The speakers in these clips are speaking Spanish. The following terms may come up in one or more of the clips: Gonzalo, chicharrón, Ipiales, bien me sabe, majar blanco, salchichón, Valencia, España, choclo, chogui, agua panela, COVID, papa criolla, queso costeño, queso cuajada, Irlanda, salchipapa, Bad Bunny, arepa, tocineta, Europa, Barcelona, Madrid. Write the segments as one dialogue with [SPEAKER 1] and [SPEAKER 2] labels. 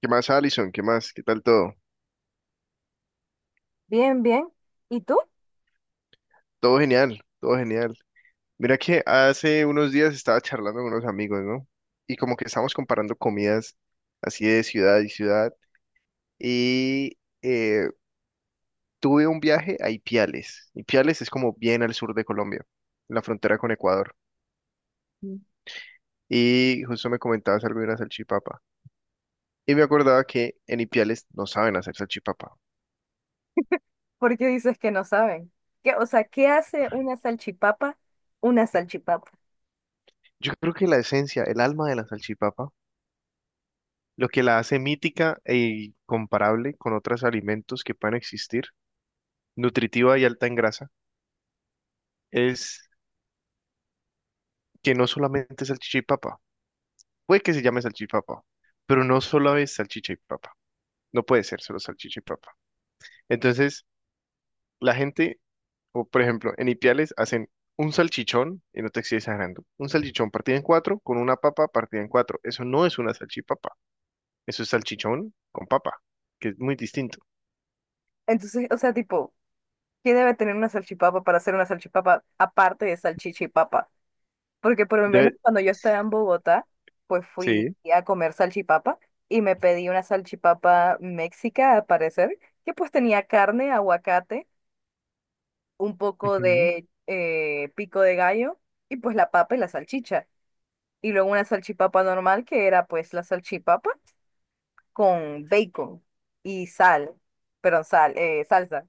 [SPEAKER 1] ¿Qué más, Alison? ¿Qué más? ¿Qué tal todo?
[SPEAKER 2] Bien, bien. ¿Y tú?
[SPEAKER 1] Todo genial, todo genial. Mira que hace unos días estaba charlando con unos amigos, ¿no? Y como que estábamos comparando comidas así de ciudad y ciudad. Y eh, Tuve un viaje a Ipiales. Ipiales es como bien al sur de Colombia, en la frontera con Ecuador.
[SPEAKER 2] Mm.
[SPEAKER 1] Y justo me comentabas algo de una salchipapa. Y me acordaba que en Ipiales no saben hacer salchipapa.
[SPEAKER 2] ¿Por qué dices que no saben? ¿Qué, o sea, ¿qué hace una salchipapa? Una salchipapa.
[SPEAKER 1] Yo creo que la esencia, el alma de la salchipapa, lo que la hace mítica e comparable con otros alimentos que puedan existir, nutritiva y alta en grasa, es que no solamente es salchicha y papa, puede que se llame salchicha y papa, pero no solo es salchicha y papa, no puede ser solo salchicha y papa. Entonces, la gente, o por ejemplo, en Ipiales hacen un salchichón, y no te estoy exagerando, un salchichón partido en cuatro con una papa partida en cuatro, eso no es una salchipapa, eso es salchichón con papa, que es muy distinto.
[SPEAKER 2] Entonces, o sea, tipo, ¿qué debe tener una salchipapa para hacer una salchipapa aparte de salchichipapa? Porque por lo menos
[SPEAKER 1] Debe,
[SPEAKER 2] cuando yo estaba en Bogotá, pues fui
[SPEAKER 1] sí.
[SPEAKER 2] a comer salchipapa y me pedí una salchipapa méxica, al parecer, que pues tenía carne, aguacate, un poco
[SPEAKER 1] Ujú.
[SPEAKER 2] de pico de gallo y pues la papa y la salchicha. Y luego una salchipapa normal que era pues la salchipapa con bacon y sal, perdón, sal, salsa.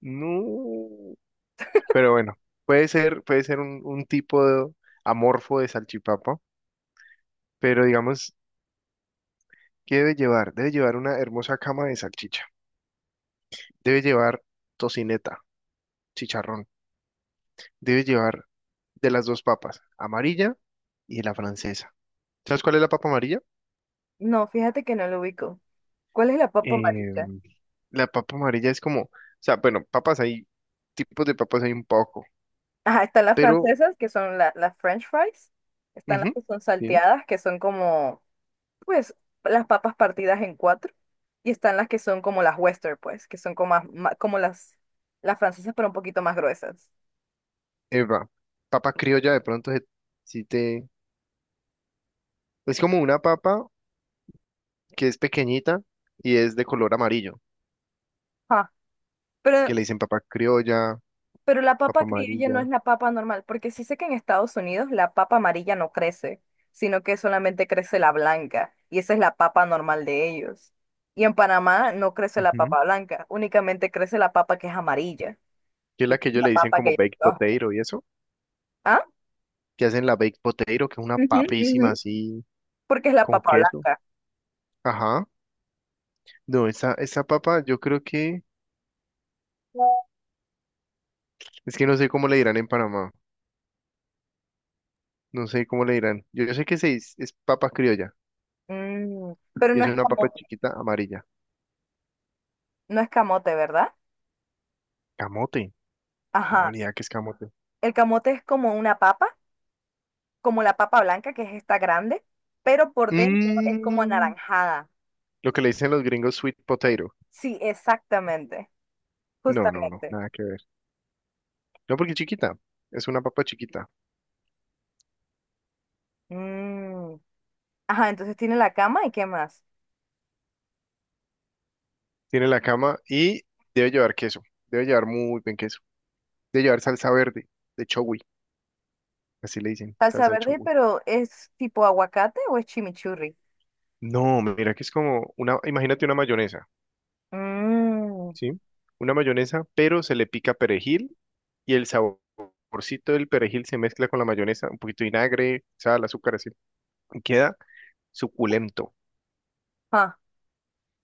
[SPEAKER 1] No. Pero bueno, puede ser un tipo de amorfo de salchipapa, pero digamos, ¿qué debe llevar? Debe llevar una hermosa cama de salchicha, debe llevar tocineta, chicharrón, debe llevar de las dos papas, amarilla y la francesa. ¿Sabes cuál es la papa amarilla?
[SPEAKER 2] No, fíjate que no lo ubico. ¿Cuál es la papa
[SPEAKER 1] Eh,
[SPEAKER 2] amarilla?
[SPEAKER 1] la papa amarilla es como, o sea, bueno, papas hay, tipos de papas hay un poco,
[SPEAKER 2] Ajá, están las
[SPEAKER 1] pero,
[SPEAKER 2] francesas que son las French fries. Están
[SPEAKER 1] ujú,
[SPEAKER 2] las que son
[SPEAKER 1] sí.
[SPEAKER 2] salteadas que son como pues las papas partidas en cuatro. Y están las que son como las Western pues, que son como, como las francesas pero un poquito más gruesas.
[SPEAKER 1] Eva, papa criolla de pronto si te... Es como una papa que es pequeñita y es de color amarillo,
[SPEAKER 2] Ajá. Pero
[SPEAKER 1] que le dicen papa criolla,
[SPEAKER 2] Pero la
[SPEAKER 1] papa
[SPEAKER 2] papa criolla no
[SPEAKER 1] amarilla,
[SPEAKER 2] es la papa normal, porque sí sé que en Estados Unidos la papa amarilla no crece, sino que solamente crece la blanca, y esa es la papa normal de ellos. Y en Panamá no crece la
[SPEAKER 1] ujú,
[SPEAKER 2] papa blanca, únicamente crece la papa que es amarilla,
[SPEAKER 1] que es
[SPEAKER 2] y
[SPEAKER 1] la
[SPEAKER 2] esa
[SPEAKER 1] que
[SPEAKER 2] es
[SPEAKER 1] ellos le
[SPEAKER 2] la
[SPEAKER 1] dicen
[SPEAKER 2] papa
[SPEAKER 1] como
[SPEAKER 2] que yo
[SPEAKER 1] baked
[SPEAKER 2] conozco.
[SPEAKER 1] potato y eso,
[SPEAKER 2] ¿Ah?
[SPEAKER 1] que hacen la baked potato, que es una
[SPEAKER 2] Ujú,
[SPEAKER 1] papísima
[SPEAKER 2] ujú.
[SPEAKER 1] así
[SPEAKER 2] Porque es la
[SPEAKER 1] con
[SPEAKER 2] papa
[SPEAKER 1] queso.
[SPEAKER 2] blanca.
[SPEAKER 1] Ajá. No, esa papa yo creo que, es que no sé cómo le dirán en Panamá, no sé cómo le dirán. Yo sé que es papa criolla
[SPEAKER 2] Mm, pero
[SPEAKER 1] y
[SPEAKER 2] no
[SPEAKER 1] es
[SPEAKER 2] es
[SPEAKER 1] una papa
[SPEAKER 2] camote,
[SPEAKER 1] chiquita amarilla.
[SPEAKER 2] no es camote, ¿verdad?
[SPEAKER 1] Camote. No,
[SPEAKER 2] Ajá.
[SPEAKER 1] ni idea qué es camote.
[SPEAKER 2] El camote es como una papa, como la papa blanca, que es esta grande, pero por dentro es como
[SPEAKER 1] Mm,
[SPEAKER 2] anaranjada.
[SPEAKER 1] lo que le dicen los gringos sweet potato.
[SPEAKER 2] Sí, exactamente,
[SPEAKER 1] No, no, no,
[SPEAKER 2] justamente.
[SPEAKER 1] nada que ver. No, porque es chiquita. Es una papa chiquita.
[SPEAKER 2] Mm, ajá, entonces tiene la cama y qué más.
[SPEAKER 1] Tiene la cama y debe llevar queso. Debe llevar muy buen queso. Debe llevar salsa verde de chogui. Así le dicen,
[SPEAKER 2] Salsa
[SPEAKER 1] salsa de
[SPEAKER 2] verde,
[SPEAKER 1] chogui.
[SPEAKER 2] pero ¿es tipo aguacate o es chimichurri?
[SPEAKER 1] No, mira que es como una, imagínate una mayonesa,
[SPEAKER 2] Mmm,
[SPEAKER 1] ¿sí? Una mayonesa, pero se le pica perejil y el saborcito del perejil se mezcla con la mayonesa, un poquito de vinagre, sal, azúcar, así. Y queda suculento.
[SPEAKER 2] ah,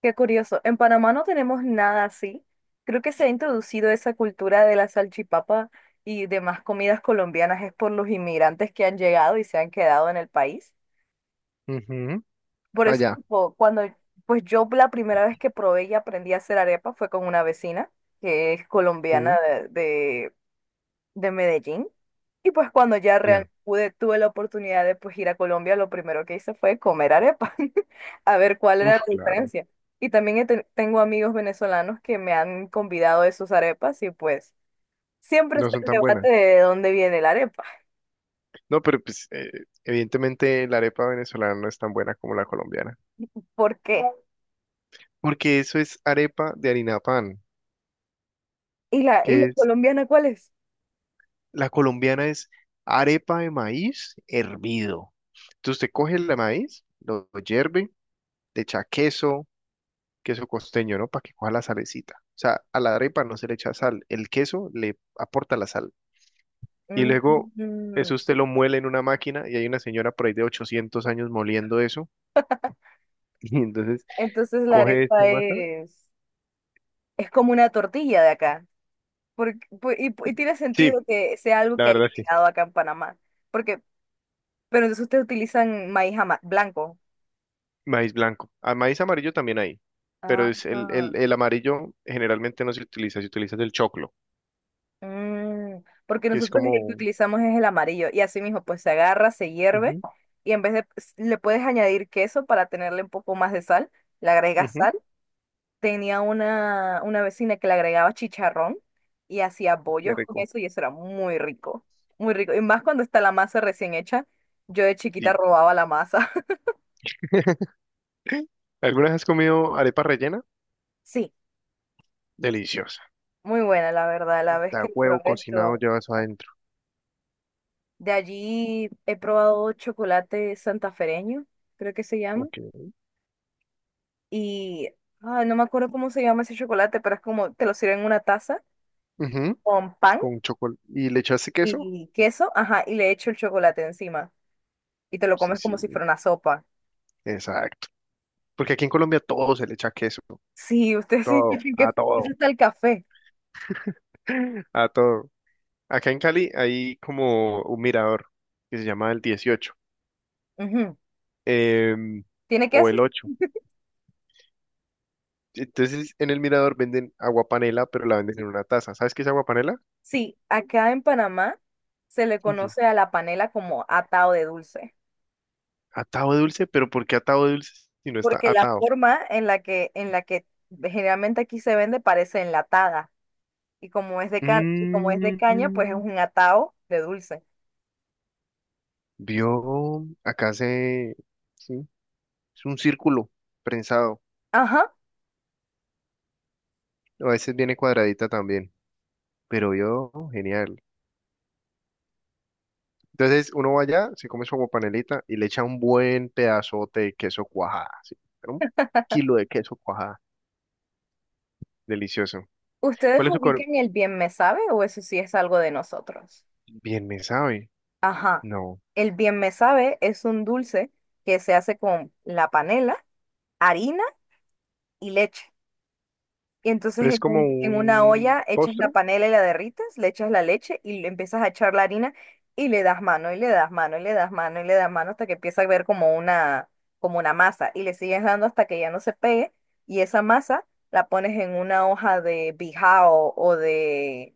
[SPEAKER 2] qué curioso. En Panamá no tenemos nada así. Creo que se ha introducido esa cultura de la salchipapa y demás comidas colombianas es por los inmigrantes que han llegado y se han quedado en el país.
[SPEAKER 1] Ujú.
[SPEAKER 2] Por eso,
[SPEAKER 1] Allá.
[SPEAKER 2] tipo, cuando pues yo la primera vez que probé y aprendí a hacer arepa fue con una vecina que es colombiana
[SPEAKER 1] Sí.
[SPEAKER 2] de, de Medellín. Y pues cuando ya
[SPEAKER 1] Ya.
[SPEAKER 2] real pude, tuve la oportunidad de pues ir a Colombia, lo primero que hice fue comer arepa, a ver cuál era
[SPEAKER 1] Uf,
[SPEAKER 2] la
[SPEAKER 1] claro.
[SPEAKER 2] diferencia. Y también he tengo amigos venezolanos que me han convidado de sus arepas y pues siempre
[SPEAKER 1] No
[SPEAKER 2] está
[SPEAKER 1] son
[SPEAKER 2] el
[SPEAKER 1] tan buenas.
[SPEAKER 2] debate de dónde viene la arepa,
[SPEAKER 1] No, pero pues evidentemente la arepa venezolana no es tan buena como la colombiana,
[SPEAKER 2] por qué.
[SPEAKER 1] porque eso es arepa de harina de pan,
[SPEAKER 2] ¿Y y la
[SPEAKER 1] que es
[SPEAKER 2] colombiana cuál es?
[SPEAKER 1] la colombiana es arepa de maíz hervido. Entonces usted coge el maíz, lo hierve, le echa queso, queso costeño, ¿no? Para que coja la salecita. O sea, a la arepa no se le echa sal, el queso le aporta la sal. Y luego
[SPEAKER 2] Mm,
[SPEAKER 1] eso usted lo muele en una máquina y hay una señora por ahí de 800 años moliendo eso. Y entonces
[SPEAKER 2] entonces la
[SPEAKER 1] coge esta
[SPEAKER 2] arepa
[SPEAKER 1] masa.
[SPEAKER 2] es como una tortilla de acá, porque, y tiene
[SPEAKER 1] Sí,
[SPEAKER 2] sentido que sea algo
[SPEAKER 1] la
[SPEAKER 2] que haya
[SPEAKER 1] verdad sí.
[SPEAKER 2] llegado acá en Panamá. Porque pero entonces ustedes utilizan maíz blanco.
[SPEAKER 1] Maíz blanco. Ah, maíz amarillo también hay, pero
[SPEAKER 2] Ah,
[SPEAKER 1] es el,
[SPEAKER 2] ah.
[SPEAKER 1] el, el amarillo generalmente no se utiliza, se utiliza el choclo,
[SPEAKER 2] Mm, porque
[SPEAKER 1] que es
[SPEAKER 2] nosotros el que
[SPEAKER 1] como...
[SPEAKER 2] utilizamos es el amarillo y así mismo pues se agarra, se hierve
[SPEAKER 1] Ujú,
[SPEAKER 2] y en vez de le puedes añadir queso para tenerle un poco más de sal, le agregas
[SPEAKER 1] ujú.
[SPEAKER 2] sal. Tenía una vecina que le agregaba chicharrón y hacía
[SPEAKER 1] Qué
[SPEAKER 2] bollos con
[SPEAKER 1] rico.
[SPEAKER 2] eso y eso era muy rico, muy rico. Y más cuando está la masa recién hecha, yo de chiquita
[SPEAKER 1] Sí.
[SPEAKER 2] robaba la masa.
[SPEAKER 1] ¿Alguna vez has comido arepa rellena?
[SPEAKER 2] Sí,
[SPEAKER 1] Deliciosa.
[SPEAKER 2] muy buena la verdad, la vez que
[SPEAKER 1] La
[SPEAKER 2] lo
[SPEAKER 1] huevo
[SPEAKER 2] probé
[SPEAKER 1] cocinado
[SPEAKER 2] estuvo.
[SPEAKER 1] llevas adentro.
[SPEAKER 2] De allí he probado chocolate santafereño, creo que se llama.
[SPEAKER 1] Ok.
[SPEAKER 2] Y ah, no me acuerdo cómo se llama ese chocolate, pero es como te lo sirven en una taza
[SPEAKER 1] Ujú.
[SPEAKER 2] con pan
[SPEAKER 1] Con chocolate. ¿Y le echaste queso?
[SPEAKER 2] y queso, ajá, y le echo el chocolate encima. Y te lo
[SPEAKER 1] Sí,
[SPEAKER 2] comes como si
[SPEAKER 1] sí,
[SPEAKER 2] fuera una sopa.
[SPEAKER 1] exacto. Porque aquí en Colombia todo se le echa queso.
[SPEAKER 2] Sí, ustedes sí
[SPEAKER 1] Todo,
[SPEAKER 2] dicen que
[SPEAKER 1] a
[SPEAKER 2] eso
[SPEAKER 1] todo,
[SPEAKER 2] está el café.
[SPEAKER 1] a todo. Acá en Cali hay como un mirador que se llama el 18,
[SPEAKER 2] Ujú.
[SPEAKER 1] em,
[SPEAKER 2] ¿Tiene
[SPEAKER 1] o
[SPEAKER 2] queso?
[SPEAKER 1] el 8. Entonces, en el Mirador venden agua panela, pero la venden en una taza. ¿Sabes qué es agua panela?
[SPEAKER 2] Sí, acá en Panamá se le
[SPEAKER 1] Ujú.
[SPEAKER 2] conoce a la panela como atado de dulce,
[SPEAKER 1] Atado de dulce, pero ¿por qué atado de dulce si no está
[SPEAKER 2] porque la
[SPEAKER 1] atado?
[SPEAKER 2] forma en la que generalmente aquí se vende parece enlatada. Y como es de ca- y como es de caña, pues es
[SPEAKER 1] Mm,
[SPEAKER 2] un atao de dulce.
[SPEAKER 1] vio, acá se, sí, es un círculo prensado.
[SPEAKER 2] Ajá.
[SPEAKER 1] A veces viene cuadradita también, pero vio, genial. Entonces uno va allá, se come su aguapanelita y le echa un buen pedazote de queso cuajada, sí, pero 1 kilo de queso cuajada, delicioso.
[SPEAKER 2] ¿Ustedes
[SPEAKER 1] ¿Cuál es tu, co-
[SPEAKER 2] ubican el bien me sabe o eso sí es algo de nosotros?
[SPEAKER 1] Bien me sabe.
[SPEAKER 2] Ajá.
[SPEAKER 1] No.
[SPEAKER 2] El bien me sabe es un dulce que se hace con la panela, harina y leche. Y entonces
[SPEAKER 1] Pero es como
[SPEAKER 2] en una
[SPEAKER 1] un
[SPEAKER 2] olla echas la
[SPEAKER 1] postre.
[SPEAKER 2] panela y la derrites, le echas la leche y le empiezas a echar la harina y le das mano y le das mano y le das mano y le das mano hasta que empieza a ver como como una masa y le sigues dando hasta que ya no se pegue y esa masa la pones en una hoja de bijao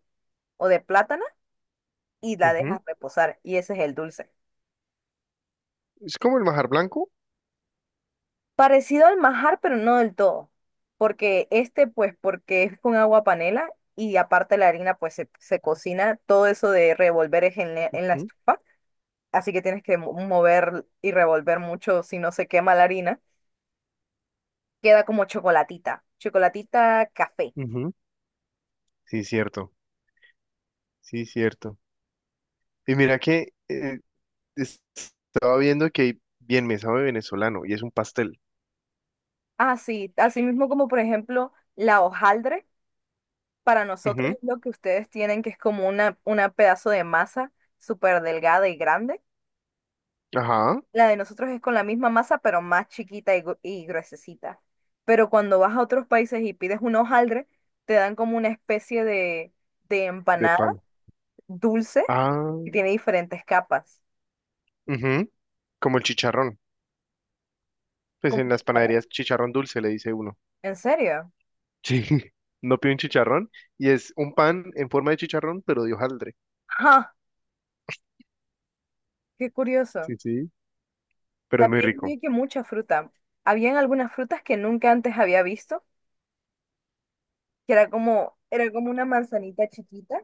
[SPEAKER 2] o de plátano y la
[SPEAKER 1] Ujú.
[SPEAKER 2] dejas reposar y ese es el dulce.
[SPEAKER 1] Es como el majar blanco.
[SPEAKER 2] Parecido al majar, pero no del todo. Porque este, pues, porque es con agua panela y aparte la harina, pues, se cocina. Todo eso de revolver es en en la
[SPEAKER 1] Ujú,
[SPEAKER 2] estufa. Así que tienes que mover y revolver mucho si no se quema la harina. Queda como chocolatita. Chocolatita café.
[SPEAKER 1] ujú. Sí, cierto. Sí, cierto. Y mira que es- estaba viendo que hay bien me sabe venezolano y es un pastel.
[SPEAKER 2] Ah, sí, así mismo como, por ejemplo, la hojaldre. Para nosotros es
[SPEAKER 1] Ujú.
[SPEAKER 2] lo que ustedes tienen, que es como una pedazo de masa súper delgada y grande.
[SPEAKER 1] Ajá.
[SPEAKER 2] La de nosotros es con la misma masa, pero más chiquita y, gruesecita. Pero cuando vas a otros países y pides un hojaldre, te dan como una especie de
[SPEAKER 1] De
[SPEAKER 2] empanada
[SPEAKER 1] pan.
[SPEAKER 2] dulce
[SPEAKER 1] Ah.
[SPEAKER 2] que tiene diferentes capas.
[SPEAKER 1] Ujú. Como el chicharrón. Pues
[SPEAKER 2] ¿Como
[SPEAKER 1] en las
[SPEAKER 2] chicharrón?
[SPEAKER 1] panaderías chicharrón dulce le dice uno.
[SPEAKER 2] ¿En serio?
[SPEAKER 1] Sí. No, pide un chicharrón y es un pan en forma de chicharrón, pero de hojaldre.
[SPEAKER 2] ¡Ja! ¡Qué curioso!
[SPEAKER 1] Sí, sí. Pero es muy
[SPEAKER 2] También
[SPEAKER 1] rico.
[SPEAKER 2] vi que mucha fruta. Habían algunas frutas que nunca antes había visto, que era como una manzanita chiquita